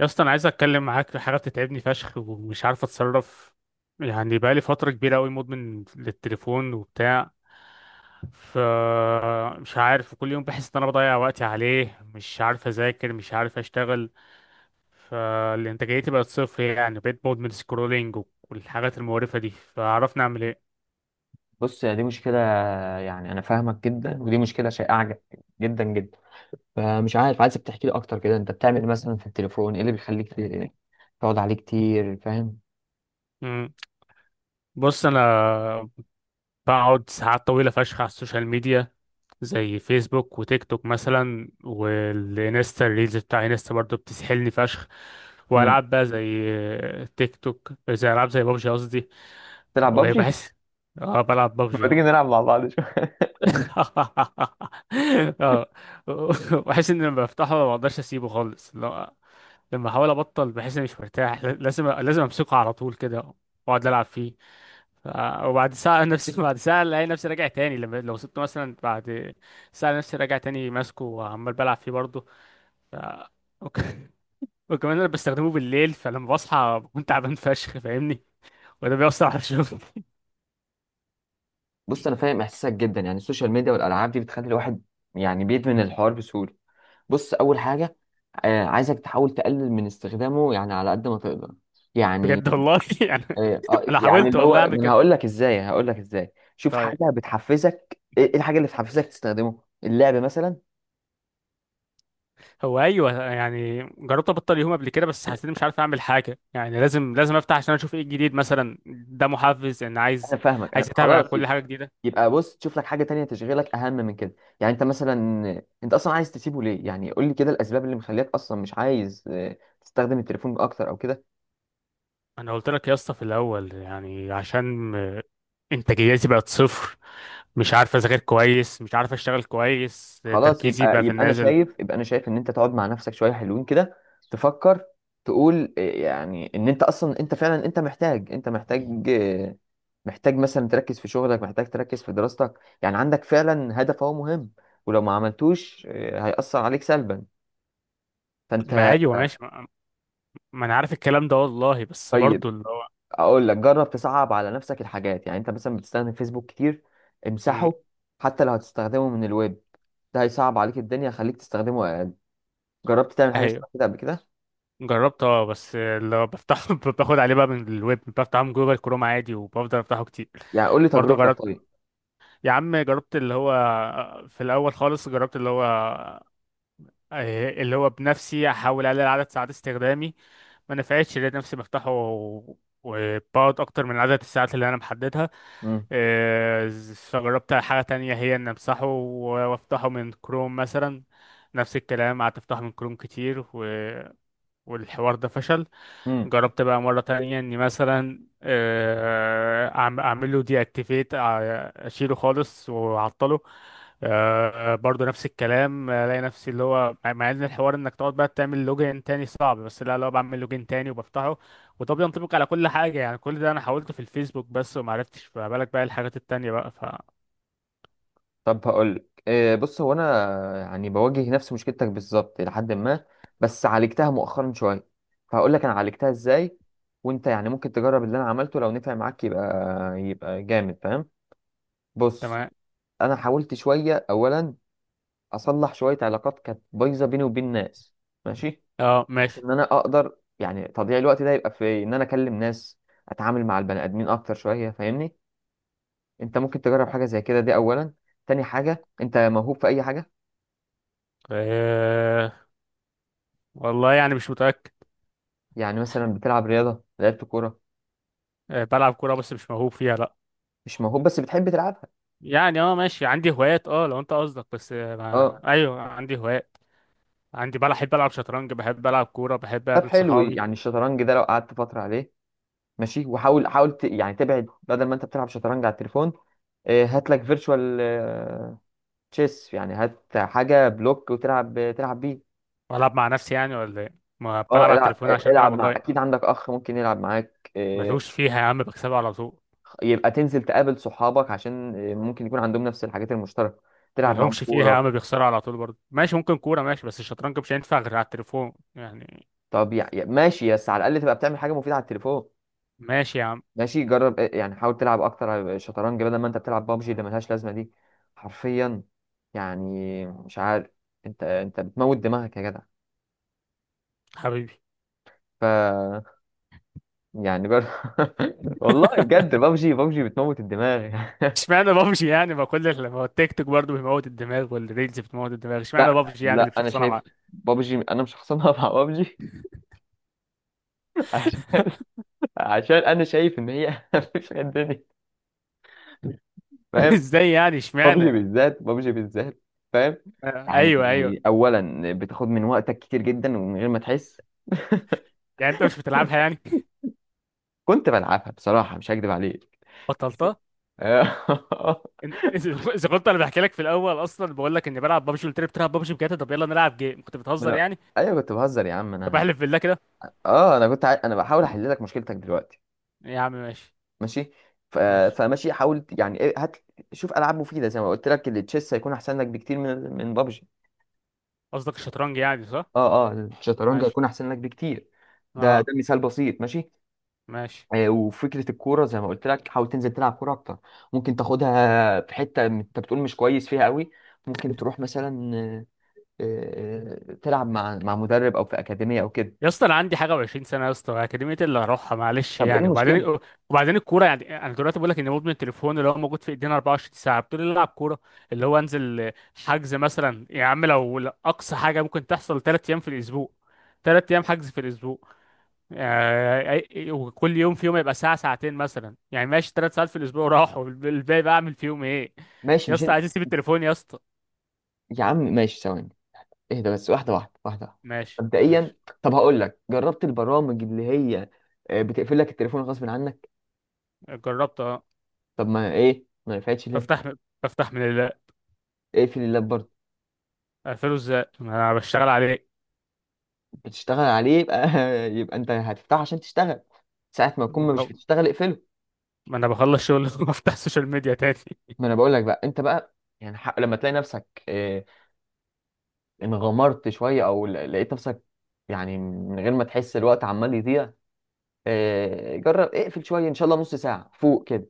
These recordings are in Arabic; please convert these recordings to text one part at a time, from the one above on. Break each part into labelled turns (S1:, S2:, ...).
S1: يا اسطى، انا عايز اتكلم معاك في حاجه بتتعبني فشخ ومش عارف اتصرف. يعني بقالي فتره كبيره قوي مدمن للتليفون وبتاع. ف مش عارف، كل يوم بحس ان انا بضيع وقتي عليه، مش عارف اذاكر، مش عارف اشتغل، فالانتاجيتي بقت صفر. يعني بقيت مدمن سكرولينج والحاجات المقرفه دي، فعرفنا اعمل ايه؟
S2: بص، يا دي مشكلة. يعني أنا فاهمك جدا، ودي مشكلة شائعة جدا جدا. فمش عارف، عايزك تحكي لي أكتر كده، أنت بتعمل إيه مثلا في التليفون؟ إيه اللي بيخليك تقعد عليه كتير، فاهم؟
S1: مم. بص انا بقعد ساعات طويلة فشخ على السوشيال ميديا، زي فيسبوك وتيك توك مثلا، والانستا الريلز بتاع انستا برضه بتسحلني فشخ.
S2: مم.
S1: والعاب بقى زي تيك توك، زي العاب زي بابجي قصدي.
S2: تلعب بابجي؟
S1: وبحس، اه بلعب بابجي
S2: ما
S1: اه.
S2: تيجي نلعب مع بعض شوية.
S1: اه، بحس ان لما بفتحه ما بقدرش اسيبه خالص، لا. لما احاول ابطل بحس اني مش مرتاح، لازم لازم امسكه على طول كده واقعد العب فيه. وبعد ساعة نفسي بعد ساعة الاقي نفسي راجع تاني، لما لو سبته مثلا بعد ساعة نفسي راجع تاني ماسكه وعمال بلعب فيه برضه. ف... وك... وكمان انا بستخدمه بالليل، فلما بصحى بكون تعبان فشخ فاهمني، وده بيأثر على الشغل.
S2: بص، أنا فاهم إحساسك جدا. يعني السوشيال ميديا والألعاب دي بتخلي الواحد يعني بيدمن الحوار بسهولة. بص، أول حاجة، عايزك تحاول تقلل من استخدامه يعني على قد ما تقدر. يعني
S1: بجد والله يعني
S2: إيه، آه،
S1: انا
S2: يعني
S1: حاولت
S2: اللي
S1: والله
S2: هو،
S1: اعمل كده.
S2: هقول لك ازاي، هقول لك ازاي، شوف
S1: طيب،
S2: حاجه بتحفزك، ايه إيه الحاجه اللي بتحفزك تستخدمه؟ اللعب مثلا؟
S1: هو ايوه، يعني جربت ابطل يوم قبل كده بس حسيت مش عارف اعمل حاجه، يعني لازم لازم افتح عشان اشوف ايه الجديد مثلا، ده محفز ان
S2: انا
S1: عايز
S2: فاهمك، انا
S1: عايز اتابع
S2: خلاص
S1: كل حاجه جديده.
S2: يبقى بص تشوف لك حاجه تانية تشغلك اهم من كده. يعني انت مثلا، انت اصلا عايز تسيبه ليه؟ يعني قول لي كده الاسباب اللي مخليك اصلا مش عايز، تستخدم التليفون اكتر او كده.
S1: انا قلت لك يا اسطى في الاول يعني عشان انتاجيتي بقت صفر، مش عارف اذاكر كويس، مش عارف اشتغل كويس،
S2: خلاص،
S1: تركيزي
S2: يبقى
S1: بقى في النازل.
S2: يبقى انا شايف ان انت تقعد مع نفسك شويه حلوين كده، تفكر، تقول إيه يعني، ان انت اصلا، انت فعلا، انت محتاج محتاج مثلا تركز في شغلك، محتاج تركز في دراستك. يعني عندك فعلا هدف هو مهم، ولو ما عملتوش هيأثر عليك سلبا.
S1: ما
S2: فانت،
S1: ايوه ماشي، ما انا عارف الكلام ده والله، بس
S2: طيب
S1: برضو اللي هو
S2: اقول لك جرب تصعب على نفسك الحاجات. يعني انت مثلا بتستخدم فيسبوك كتير،
S1: مم،
S2: امسحه. حتى لو هتستخدمه من الويب، ده هيصعب عليك الدنيا، خليك تستخدمه اقل. جربت تعمل حاجه
S1: ايوه
S2: شبه كده قبل كده؟
S1: جربت اه، بس اللي هو بفتح باخد عليه بقى من الويب، بفتحه من جوجل كروم عادي وبفضل افتحه كتير.
S2: يعني قول لي
S1: برضو
S2: تجربتك.
S1: جربت،
S2: طيب.
S1: يا عم جربت اللي هو، في الاول خالص جربت اللي هو اللي هو بنفسي احاول اقلل عدد ساعات استخدامي، ما نفعتش. لقيت نفسي بفتحه وبقعد اكتر من عدد الساعات اللي انا محددها.
S2: مم.
S1: فجربت حاجة تانية، هي ان امسحه وافتحه من كروم مثلا. نفس الكلام، قعدت افتحه من كروم كتير والحوار ده فشل.
S2: مم.
S1: جربت بقى مرة تانية اني مثلا اعمل له دي اكتيفيت اشيله خالص واعطله. برضه نفس الكلام، الاقي نفسي اللي هو مع ان الحوار انك تقعد بقى تعمل لوجين تاني صعب، بس لا، لو بعمل لوجين تاني وبفتحه. وده بينطبق على كل حاجة، يعني كل ده انا حاولته في الفيسبوك بس ومعرفتش، فما بالك بقى الحاجات التانية بقى
S2: طب هقول لك إيه، بص، هو انا يعني بواجه نفس مشكلتك بالظبط الى حد ما، بس عالجتها مؤخرا شويه. فهقول لك انا عالجتها ازاي، وانت يعني ممكن تجرب اللي انا عملته، لو نفع معاك يبقى جامد، فاهم؟ بص،
S1: تمام.
S2: انا حاولت شويه اولا اصلح شويه علاقات كانت بايظه بيني وبين ناس، ماشي،
S1: اه
S2: بحيث
S1: ماشي.
S2: ان انا اقدر يعني تضييع الوقت ده يبقى في ان انا اكلم ناس، اتعامل مع البني ادمين اكتر شويه، فاهمني؟ انت ممكن تجرب حاجه زي كده دي اولا. تاني حاجه، انت موهوب في اي حاجه؟
S1: آه، والله يعني مش متأكد.
S2: يعني مثلا بتلعب رياضه، لعبت كوره؟
S1: بلعب كورة بس مش موهوب فيها، لا.
S2: مش موهوب بس بتحب تلعبها؟
S1: يعني اه ماشي عندي هوايات اه، لو انت قصدك بس آه، ما...
S2: اه.
S1: ايوه عندي هوايات. عندي بحب العب شطرنج، بحب العب كوره، بحب
S2: طب
S1: اقابل
S2: حلو،
S1: صحابي.
S2: يعني الشطرنج ده لو قعدت فتره عليه، ماشي. وحاول يعني تبعد، بدل ما انت بتلعب شطرنج على التليفون، اه، هات لك فيرتشوال تشيس، يعني هات حاجه بلوك وتلعب بيه.
S1: والعب مع نفسي يعني ولا ايه؟ ما
S2: اه،
S1: بلعب على
S2: العب.
S1: التليفون عشان بلعب
S2: العب مع،
S1: والله.
S2: اكيد عندك اخ ممكن يلعب معاك، اه.
S1: ملهوش فيها يا عم، بكسبها على طول.
S2: يبقى تنزل تقابل صحابك، عشان اه، ممكن يكون عندهم نفس الحاجات المشتركه، تلعب معاهم
S1: ملهمش فيها يا
S2: كوره.
S1: عم، بيخسروا على طول برضه. ماشي ممكن كوره، ماشي، بس الشطرنج مش هينفع غير على التليفون يعني.
S2: طب يعني ماشي، بس على الاقل تبقى بتعمل حاجه مفيده على التليفون.
S1: ماشي يا عم.
S2: ماشي، جرب يعني حاول تلعب اكتر على شطرنج بدل ما انت بتلعب بابجي اللي ملهاش لازمه دي، حرفيا. يعني مش عارف، انت بتموت دماغك يا جدع.
S1: حبيبي.
S2: ف، يعني جرب. والله بجد، بابجي، بابجي بتموت الدماغ.
S1: اشمعنى بابجي يعني، ما كل اللي- ما هو التيك توك برضه بيموت الدماغ، والريلز بتموت الدماغ، اشمعنى
S2: لا
S1: بابجي يعني اللي
S2: لا،
S1: مش
S2: انا
S1: شخصانه
S2: شايف
S1: معاه.
S2: بابجي، انا مش خصمها مع بابجي. عشان، عشان انا شايف ان هي مفيش غير الدنيا، فاهم؟
S1: ازاي يعني
S2: بابجي
S1: اشمعنى؟
S2: بالذات، بابجي بالذات، فاهم؟
S1: ايوه ايوه.
S2: يعني اولا بتاخد من وقتك كتير جدا ومن غير ما تحس.
S1: يعني انت مش بتلعبها يعني؟
S2: كنت بلعبها بصراحه، مش هكدب عليك.
S1: بطلتها؟
S2: آه.
S1: إن- اذا كنت انا بحكي لك في الاول اصلا بقول لك اني بلعب ببجي، قلت لي بتلعب ببجي بجد، طب يلا نلعب جيم، كنت
S2: ما
S1: بتهزر
S2: انا،
S1: يعني؟
S2: ايوه كنت بهزر يا عم
S1: طب
S2: انا.
S1: احلف بالله كده.
S2: اه، انا انا بحاول احل لك مشكلتك دلوقتي.
S1: يا عم ماشي.
S2: ماشي. ف...
S1: ماشي.
S2: فماشي، حاول يعني هات شوف العاب مفيده، زي ما قلت لك، التشيس هيكون احسن لك بكتير من بابجي.
S1: قصدك الشطرنج يعني، صح؟
S2: اه اه، الشطرنج
S1: ماشي
S2: هيكون احسن لك بكتير. ده
S1: اه.
S2: مثال بسيط، ماشي.
S1: ماشي.
S2: آه، وفكره الكوره زي ما قلت لك، حاول تنزل تلعب كوره اكتر. ممكن تاخدها في حته انت بتقول مش كويس فيها قوي، ممكن تروح مثلا تلعب مع مدرب، او في اكاديميه، او كده.
S1: يا اسطى انا عندي حاجه و20 سنه يا اسطى، اكاديميه اللي هروحها، معلش
S2: طب ايه
S1: يعني؟
S2: المشكله؟
S1: وبعدين وبعدين الكوره، يعني انا دلوقتي بقول لك ان مدمن التليفون اللي هو موجود في ايدينا 24 ساعه بتقول لي العب كوره؟ اللي هو انزل حجز مثلا يا عم، لو اقصى حاجه ممكن تحصل 3 ايام في الاسبوع، 3 ايام حجز في الاسبوع، يعني وكل يوم في يوم يبقى ساعة ساعتين مثلا، يعني ماشي، 3 ساعات في الأسبوع، راحوا الباقي بقى أعمل فيهم إيه؟
S2: ماشي
S1: يا
S2: مش
S1: اسطى
S2: انت-
S1: عايز أسيب التليفون يا اسطى.
S2: يا عم ماشي، ثواني، اهدى بس، واحدة واحدة، واحدة واحدة.
S1: ماشي
S2: مبدئيا،
S1: ماشي.
S2: طب هقول لك، جربت البرامج اللي هي آه، بتقفل لك التليفون غصب عنك؟
S1: جربت أه.
S2: طب ما ايه، ما نفعتش ليه؟
S1: بفتح بفتح من ال
S2: اقفل اللاب برضه.
S1: أقفله إزاي ما أنا بشتغل عليه؟
S2: بتشتغل عليه، يبقى يبقى انت هتفتحه عشان تشتغل، ساعة ما تكون مش
S1: ما
S2: بتشتغل اقفله.
S1: أنا بخلص شغل وأفتح السوشيال ميديا تاني.
S2: ما انا بقول لك بقى، انت بقى يعني لما تلاقي نفسك انغمرت شويه، او لقيت نفسك يعني من غير ما تحس الوقت عمال يضيع، آه، جرب اقفل شويه، ان شاء الله نص ساعه فوق كده.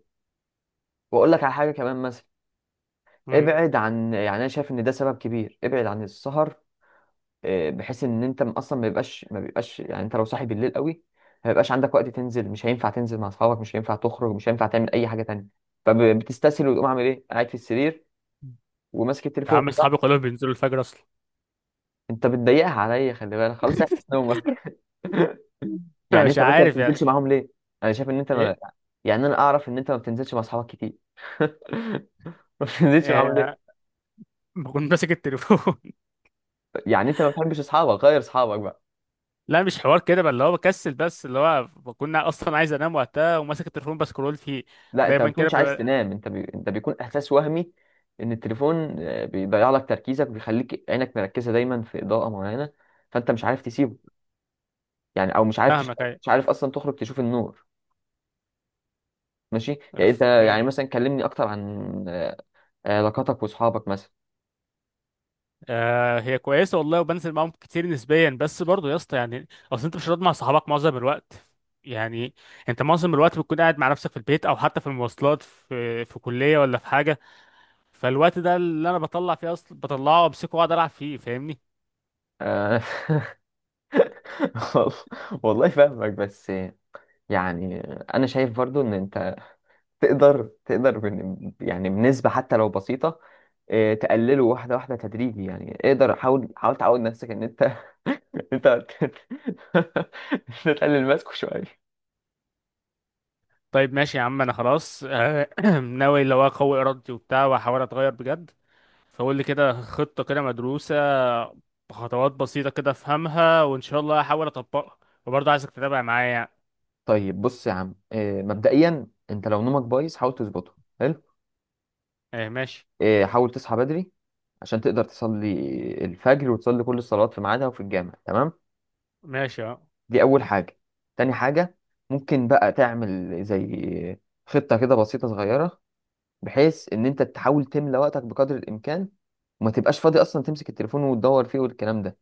S2: واقول لك على حاجه كمان مثلا،
S1: مم.
S2: ابعد عن، يعني انا شايف ان ده سبب كبير، ابعد عن السهر. آه، بحيث ان انت، اصلا ما بيبقاش، يعني انت لو صاحي بالليل قوي، ما بيبقاش عندك وقت تنزل، مش هينفع تنزل مع اصحابك، مش هينفع تخرج، مش هينفع تعمل اي حاجه تانية. فبتستسهل وتقوم عامل ايه؟ قاعد في السرير وماسك
S1: يا
S2: التليفون.
S1: عم أصحابي كلهم بينزلوا الفجر أصلا.
S2: انت بتضيقها عليا، خلي بالك، خلاص احبس نومك. يعني
S1: مش
S2: انت ما
S1: عارف يعني.
S2: بتنزلش معاهم ليه؟ انا شايف ان انت ما...
S1: إيه.
S2: يعني انا اعرف ان انت ما بتنزلش مع اصحابك كتير. ما بتنزلش معاهم
S1: آه،
S2: ليه؟
S1: بكون ماسك التليفون.
S2: يعني انت ما بتحبش اصحابك، غير اصحابك بقى؟
S1: لا مش حوار كده بقى، اللي هو بكسل بس، اللي هو كنا اصلا عايز انام وقتها وماسك التليفون بسكرول فيه،
S2: لا، انت ما
S1: دايما كده
S2: بتكونش عايز
S1: ببقى.
S2: تنام، انت انت بيكون احساس وهمي ان التليفون، آه، بيضيع لك تركيزك وبيخليك عينك مركزه دايما في اضاءه معينه، فانت مش عارف تسيبه. يعني او مش عارف
S1: فاهمك ايوه.
S2: مش عارف اصلا تخرج تشوف النور. ماشي. يعني انت
S1: أف- مم.
S2: يعني مثلا كلمني اكتر عن، آه، علاقاتك واصحابك مثلا.
S1: آه، هي كويسه والله، وبنزل معاهم كتير نسبيا، بس برضه يا اسطى يعني اصل انت مش هتقعد مع صحابك معظم الوقت، يعني انت معظم الوقت بتكون قاعد مع نفسك في البيت او حتى في المواصلات، في كليه ولا في حاجه. فالوقت ده اللي انا بطلع فيه اصلا بطلعه وامسكه واقعد العب فيه، فاهمني.
S2: آه، وال- والله فاهمك، بس يعني انا شايف برضو ان انت تقدر، يعني بنسبة حتى لو بسيطة، آه، تقلله واحدة واحدة، تدريجي. يعني اقدر، حاول تعود نفسك ان انت انت تقلل ماسكه شوية.
S1: طيب ماشي يا عم، انا خلاص ناوي اللي هو اقوي ارادتي وبتاع واحاول اتغير بجد. فقول لي كده خطة كده مدروسة، بخطوات بسيطة كده افهمها، وان شاء الله هحاول اطبقها. وبرضه عايزك تتابع معايا يعني.
S2: طيب بص يا عم، آه، مبدئيا انت لو نومك بايظ حاول تظبطه حلو.
S1: ايه ماشي.
S2: آه، حاول تصحى بدري عشان تقدر تصلي الفجر، وتصلي كل الصلوات في ميعادها وفي الجامع، تمام؟
S1: ماشي اه.
S2: دي أول حاجة. تاني حاجة، ممكن بقى تعمل زي خطة كده بسيطة صغيرة، بحيث إن أنت تحاول تملى وقتك بقدر الإمكان، وما تبقاش فاضي أصلا تمسك التليفون وتدور فيه والكلام ده.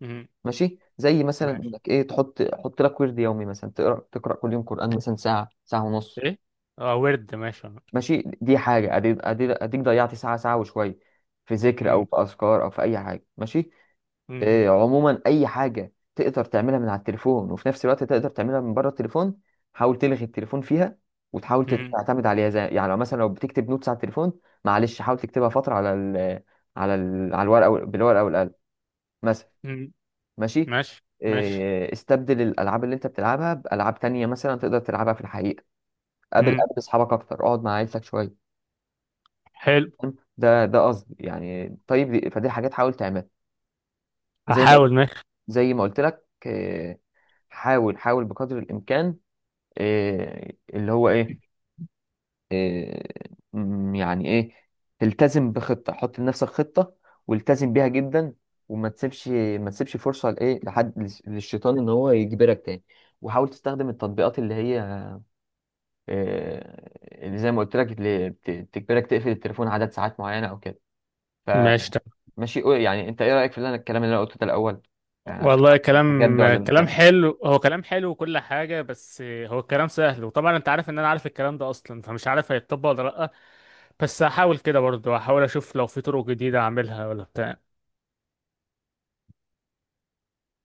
S1: مم.
S2: ماشي؟ زي مثلا
S1: ماشي.
S2: إنك تحط، لك ورد يومي مثلا، تقرأ، تقرأ كل يوم قرآن مثلا ساعة، ساعة ونص.
S1: ايه. اه ورد ماشي اه.
S2: ماشي، دي حاجة أديك، ضيعت ساعة، ساعة وشوية في ذكر، أو
S1: مم.
S2: في أذكار، أو في أي حاجة. ماشي؟
S1: مم.
S2: إيه، عموما اي حاجه تقدر تعملها من على التليفون وفي نفس الوقت تقدر تعملها من بره التليفون، حاول تلغي التليفون فيها، وتحاول
S1: مم.
S2: تعتمد عليها، زي يعني لو مثلا لو بتكتب نوتس على التليفون، معلش حاول تكتبها فتره على ال على ال على الورقه، بالورقه والقلم مثلا.
S1: مم.
S2: ماشي.
S1: ماشي ماشي.
S2: إيه، استبدل الالعاب اللي انت بتلعبها بالعاب تانية مثلا تقدر تلعبها في الحقيقه. قابل،
S1: مم.
S2: اصحابك اكتر، اقعد مع عيلتك شويه.
S1: حلو.
S2: تمام؟ ده قصدي يعني. طيب دي- فدي حاجات حاول تعملها. زي ما
S1: هحاول ماشي.
S2: زي ما قلت لك حاول، حاول بقدر الامكان إيه اللي هو ايه, إيه م- يعني ايه تلتزم بخطه، حط لنفسك خطه والتزم بيها جدا، وما تسيبش ما تسيبش فرصه للشيطان ان هو يجبرك تاني. وحاول تستخدم التطبيقات اللي هي إيه اللي زي ما قلت لك، اللي بتجبرك تقفل التليفون عدد ساعات معينه او كده.
S1: ماشي.
S2: فماشي، يعني انت ايه رايك في اللي انا الكلام اللي انا قلته ده الاول؟ يعني عشان
S1: والله
S2: أعرف أنت جد
S1: كلام
S2: ولا مش
S1: كلام
S2: جد.
S1: حلو، هو كلام حلو وكل حاجة، بس هو الكلام سهل، وطبعا انت عارف ان انا عارف الكلام ده اصلا، فمش عارف هيتطبق ولا لأ. بس هحاول كده برضه، هحاول اشوف لو في طرق جديدة اعملها ولا بتاع.